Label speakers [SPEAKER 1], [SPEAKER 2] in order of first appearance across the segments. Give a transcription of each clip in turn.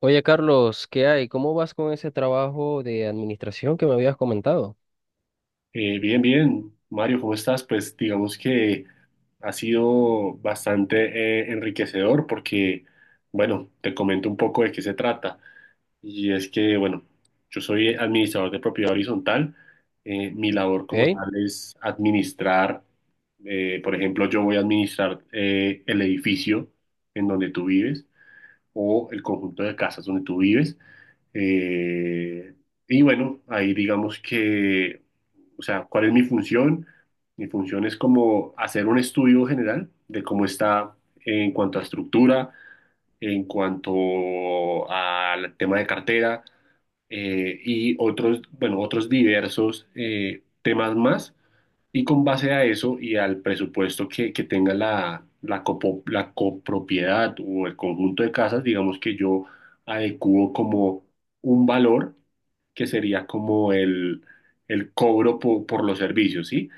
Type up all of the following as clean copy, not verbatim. [SPEAKER 1] Oye, Carlos, ¿qué hay? ¿Cómo vas con ese trabajo de administración que me habías comentado?
[SPEAKER 2] Bien, bien. Mario, ¿cómo estás? Pues digamos que ha sido bastante enriquecedor porque, bueno, te comento un poco de qué se trata. Y es que, bueno, yo soy administrador de propiedad horizontal. Mi labor como
[SPEAKER 1] ¿Ok?
[SPEAKER 2] tal es administrar, por ejemplo, yo voy a administrar el edificio en donde tú vives o el conjunto de casas donde tú vives. Eh, y bueno, ahí digamos que... O sea, ¿cuál es mi función? Mi función es como hacer un estudio general de cómo está en cuanto a estructura, en cuanto al tema de cartera y otros, bueno, otros diversos temas más y con base a eso y al presupuesto que tenga la copropiedad o el conjunto de casas, digamos que yo adecuo como un valor que sería como el cobro por los servicios, ¿sí?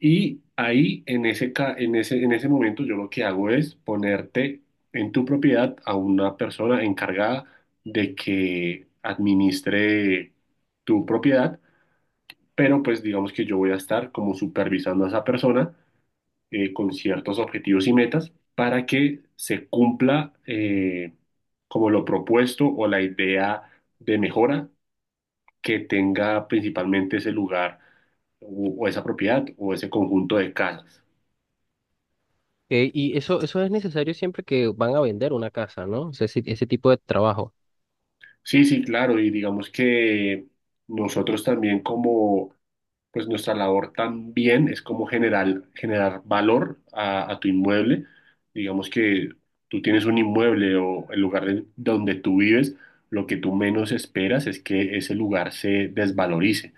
[SPEAKER 2] Y ahí en ese, ca- en ese momento yo lo que hago es ponerte en tu propiedad a una persona encargada de que administre tu propiedad, pero pues digamos que yo voy a estar como supervisando a esa persona con ciertos objetivos y metas para que se cumpla como lo propuesto o la idea de mejora que tenga principalmente ese lugar o esa propiedad o ese conjunto de casas.
[SPEAKER 1] Y eso es necesario siempre que van a vender una casa, ¿no? O sea, ese tipo de trabajo.
[SPEAKER 2] Sí, sí, claro, y digamos que nosotros también, como pues nuestra labor también es como generar valor a tu inmueble. Digamos que tú tienes un inmueble o el lugar donde tú vives, lo que tú menos esperas es que ese lugar se desvalorice,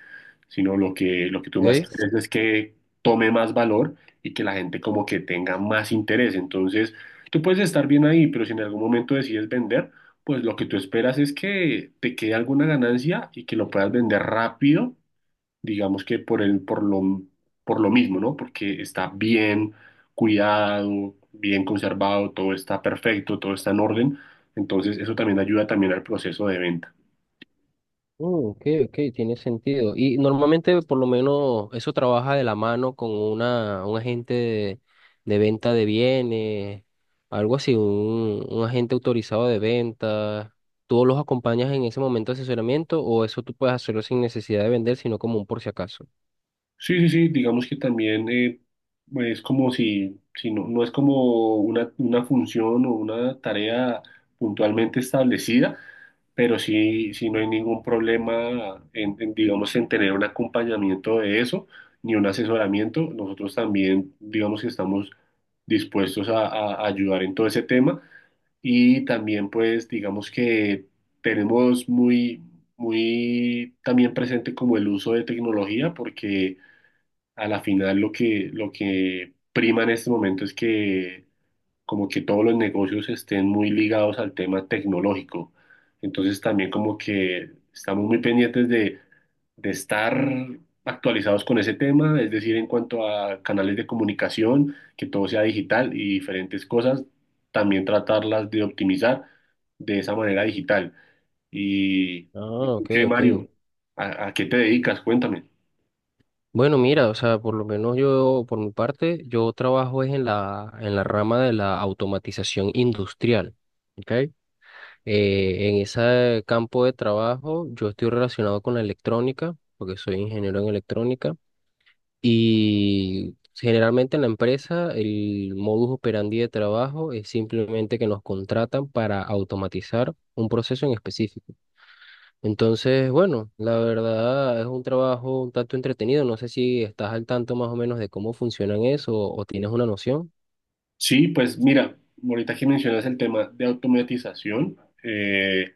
[SPEAKER 2] sino lo que tú más
[SPEAKER 1] ¿Ok?
[SPEAKER 2] quieres es que tome más valor y que la gente como que tenga más interés. Entonces, tú puedes estar bien ahí, pero si en algún momento decides vender, pues lo que tú esperas es que te quede alguna ganancia y que lo puedas vender rápido, digamos que por lo mismo, ¿no? Porque está bien cuidado, bien conservado, todo está perfecto, todo está en orden. Entonces, eso también ayuda también al proceso de venta.
[SPEAKER 1] Mm, ok, ok, tiene sentido. Y normalmente, por lo menos, eso trabaja de la mano con un agente de venta de bienes, algo así, un agente autorizado de venta. ¿Tú los acompañas en ese momento de asesoramiento o eso tú puedes hacerlo sin necesidad de vender, sino como un por si acaso?
[SPEAKER 2] Sí, sí, sí, digamos que también es como si, si no, no es como una función o una tarea puntualmente establecida, pero sí, sí, no hay ningún problema digamos, en tener un acompañamiento de eso, ni un asesoramiento. Nosotros también, digamos que estamos dispuestos a ayudar en todo ese tema. Y también, pues, digamos que tenemos muy también presente como el uso de tecnología, porque a la final lo que prima en este momento es que como que todos los negocios estén muy ligados al tema tecnológico. Entonces también como que estamos muy pendientes de estar actualizados con ese tema, es decir, en cuanto a canales de comunicación, que todo sea digital y diferentes cosas, también tratarlas de optimizar de esa manera digital. ¿Y, ¿Y
[SPEAKER 1] Ah,
[SPEAKER 2] tú
[SPEAKER 1] ok,
[SPEAKER 2] qué,
[SPEAKER 1] ok.
[SPEAKER 2] Mario? A qué te dedicas? Cuéntame.
[SPEAKER 1] Bueno, mira, o sea, por lo menos yo, por mi parte, yo trabajo es en en la rama de la automatización industrial, ¿ok? En ese campo de trabajo yo estoy relacionado con la electrónica, porque soy ingeniero en electrónica, y generalmente en la empresa el modus operandi de trabajo es simplemente que nos contratan para automatizar un proceso en específico. Entonces, bueno, la verdad es un trabajo un tanto entretenido. No sé si estás al tanto más o menos de cómo funcionan eso o tienes una noción.
[SPEAKER 2] Sí, pues mira, ahorita que mencionas el tema de automatización, eh,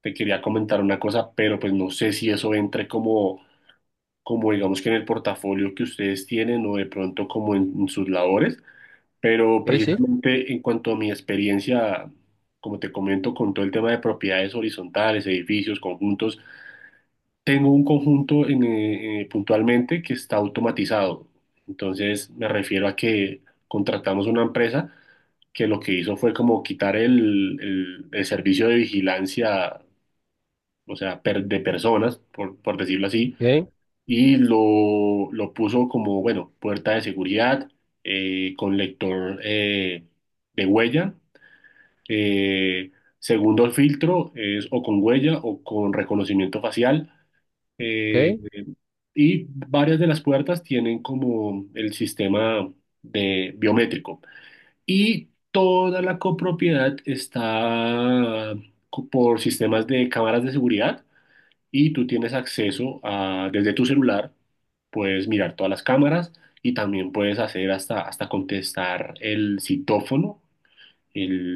[SPEAKER 2] te quería comentar una cosa, pero pues no sé si eso entre como, como digamos que en el portafolio que ustedes tienen o de pronto como en sus labores, pero
[SPEAKER 1] Sí, sí,
[SPEAKER 2] precisamente en cuanto a mi experiencia, como te comento, con todo el tema de propiedades horizontales, edificios, conjuntos, tengo un conjunto en, puntualmente, que está automatizado. Entonces me refiero a que contratamos una empresa que lo que hizo fue como quitar el servicio de vigilancia, o sea, de personas, por decirlo así,
[SPEAKER 1] ok,
[SPEAKER 2] y lo puso como, bueno, puerta de seguridad, con lector de huella. Eh, segundo filtro es o con huella o con reconocimiento facial. Eh,
[SPEAKER 1] ok,
[SPEAKER 2] y varias de las puertas tienen como el sistema de biométrico. Y toda la copropiedad está por sistemas de cámaras de seguridad, y tú tienes acceso a, desde tu celular, puedes mirar todas las cámaras y también puedes hacer hasta contestar el citófono.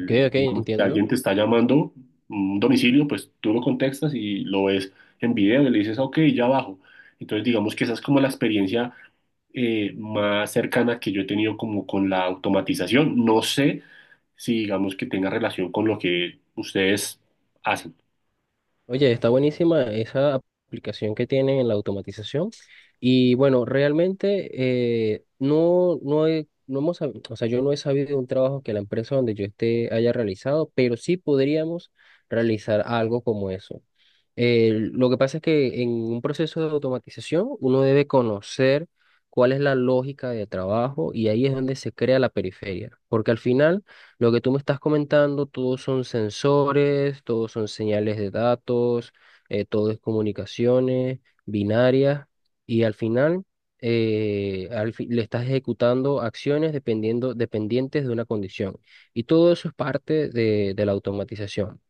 [SPEAKER 1] ok, ok,
[SPEAKER 2] digamos, que
[SPEAKER 1] entiendo.
[SPEAKER 2] alguien te está llamando un domicilio, pues tú lo contestas y lo ves en video y le dices, ok, ya bajo. Entonces digamos que esa es como la experiencia más cercana que yo he tenido como con la automatización. No sé si digamos que tenga relación con lo que ustedes hacen.
[SPEAKER 1] Oye, está buenísima esa aplicación que tienen en la automatización. Y bueno, realmente no hemos sabido, o sea, yo no he sabido de un trabajo que la empresa donde yo esté haya realizado, pero sí podríamos realizar algo como eso. Lo que pasa es que en un proceso de automatización uno debe conocer cuál es la lógica de trabajo y ahí es donde se crea la periferia, porque al final, lo que tú me estás comentando, todos son sensores, todos son señales de datos, todo es comunicaciones binarias y al final le estás ejecutando acciones dependientes de una condición. Y todo eso es parte de la automatización.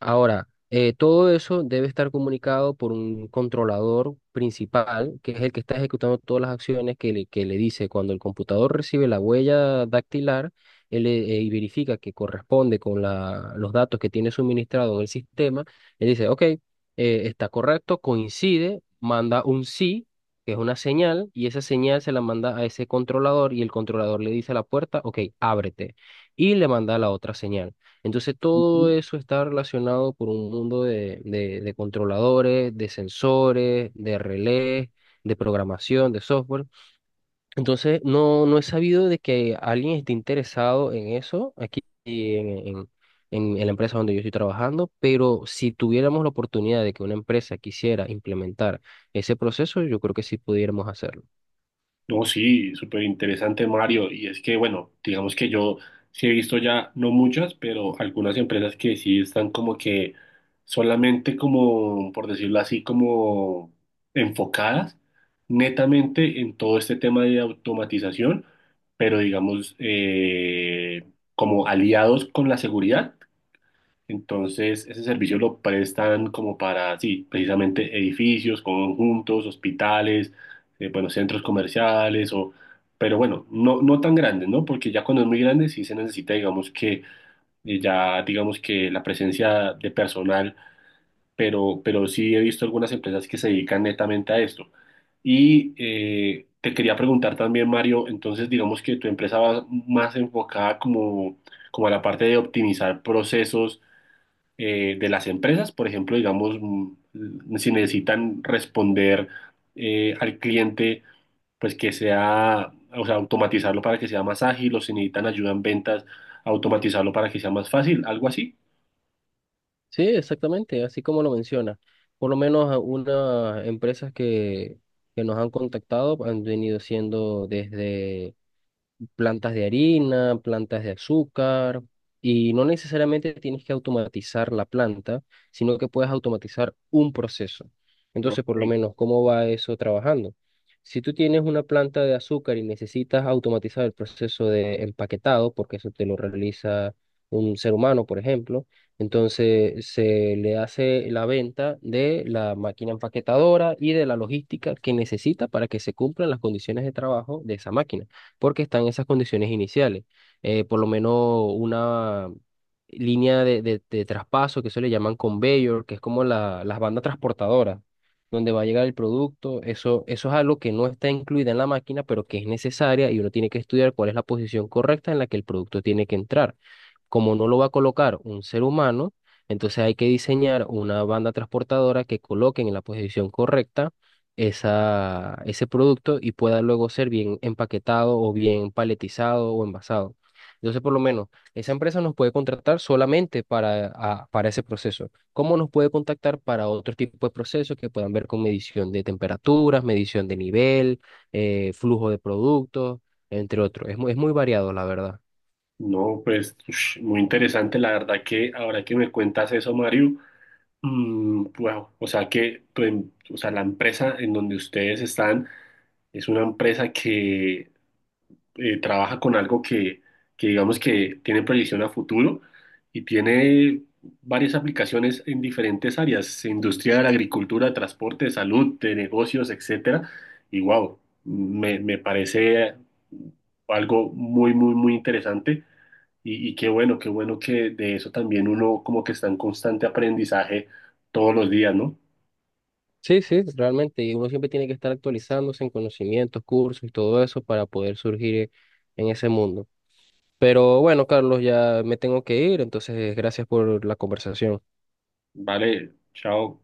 [SPEAKER 1] Ahora, todo eso debe estar comunicado por un controlador principal, que es el que está ejecutando todas las acciones que que le dice. Cuando el computador recibe la huella dactilar, él verifica que corresponde con los datos que tiene suministrado en el sistema, él dice, ok, está correcto, coincide, manda un sí, que es una señal, y esa señal se la manda a ese controlador y el controlador le dice a la puerta, ok, ábrete, y le manda la otra señal. Entonces todo eso está relacionado por un mundo de, de controladores, de sensores, de relés, de programación, de software. Entonces no, no he sabido de que alguien esté interesado en eso aquí en la empresa donde yo estoy trabajando, pero si tuviéramos la oportunidad de que una empresa quisiera implementar ese proceso, yo creo que sí pudiéramos hacerlo.
[SPEAKER 2] No, sí, súper interesante, Mario. Y es que, bueno, digamos que yo sí he visto ya, no muchas, pero algunas empresas que sí están como que solamente como, por decirlo así, como enfocadas netamente en todo este tema de automatización, pero digamos, como aliados con la seguridad. Entonces, ese servicio lo prestan como para, sí, precisamente edificios, conjuntos, hospitales, bueno, centros comerciales, o, pero bueno, no tan grandes, ¿no? Porque ya cuando es muy grande sí se necesita, digamos que ya, digamos que la presencia de personal, pero sí he visto algunas empresas que se dedican netamente a esto. Y te quería preguntar también, Mario, entonces digamos que tu empresa va más enfocada como, como a la parte de optimizar procesos de las empresas, por ejemplo, digamos, mm, si necesitan responder al cliente, pues que sea, o sea, automatizarlo para que sea más ágil, o si necesitan ayuda en ventas, automatizarlo para que sea más fácil, algo así.
[SPEAKER 1] Sí, exactamente, así como lo menciona. Por lo menos a unas empresas que nos han contactado han venido siendo desde plantas de harina, plantas de azúcar, y no necesariamente tienes que automatizar la planta, sino que puedes automatizar un proceso. Entonces, por lo
[SPEAKER 2] Ok.
[SPEAKER 1] menos, ¿cómo va eso trabajando? Si tú tienes una planta de azúcar y necesitas automatizar el proceso de empaquetado, porque eso te lo realiza un ser humano, por ejemplo, entonces se le hace la venta de la máquina empaquetadora y de la logística que necesita para que se cumplan las condiciones de trabajo de esa máquina porque están en esas condiciones iniciales. Por lo menos una línea de, de traspaso que se le llaman conveyor, que es como las bandas transportadoras, donde va a llegar el producto. Eso es algo que no está incluida en la máquina, pero que es necesaria y uno tiene que estudiar cuál es la posición correcta en la que el producto tiene que entrar. Como no lo va a colocar un ser humano, entonces hay que diseñar una banda transportadora que coloquen en la posición correcta ese producto y pueda luego ser bien empaquetado o bien paletizado o envasado. Entonces, por lo menos, esa empresa nos puede contratar solamente para, para ese proceso. ¿Cómo nos puede contactar para otro tipo de procesos que puedan ver con medición de temperaturas, medición de nivel, flujo de productos, entre otros? Es muy variado, la verdad.
[SPEAKER 2] No, pues ush, muy interesante, la verdad, que ahora que me cuentas eso, Mario, mm, wow, o sea que o sea, la empresa en donde ustedes están es una empresa que trabaja con algo que digamos que tiene proyección a futuro y tiene varias aplicaciones en diferentes áreas, industria de la agricultura, transporte, salud, de negocios, etcétera. Y wow, me parece algo muy interesante. Y qué bueno que de eso también uno como que está en constante aprendizaje todos los días, ¿no?
[SPEAKER 1] Sí, sí, realmente, y uno siempre tiene que estar actualizándose en conocimientos, cursos y todo eso para poder surgir en ese mundo. Pero bueno, Carlos, ya me tengo que ir, entonces gracias por la conversación.
[SPEAKER 2] Vale, chao.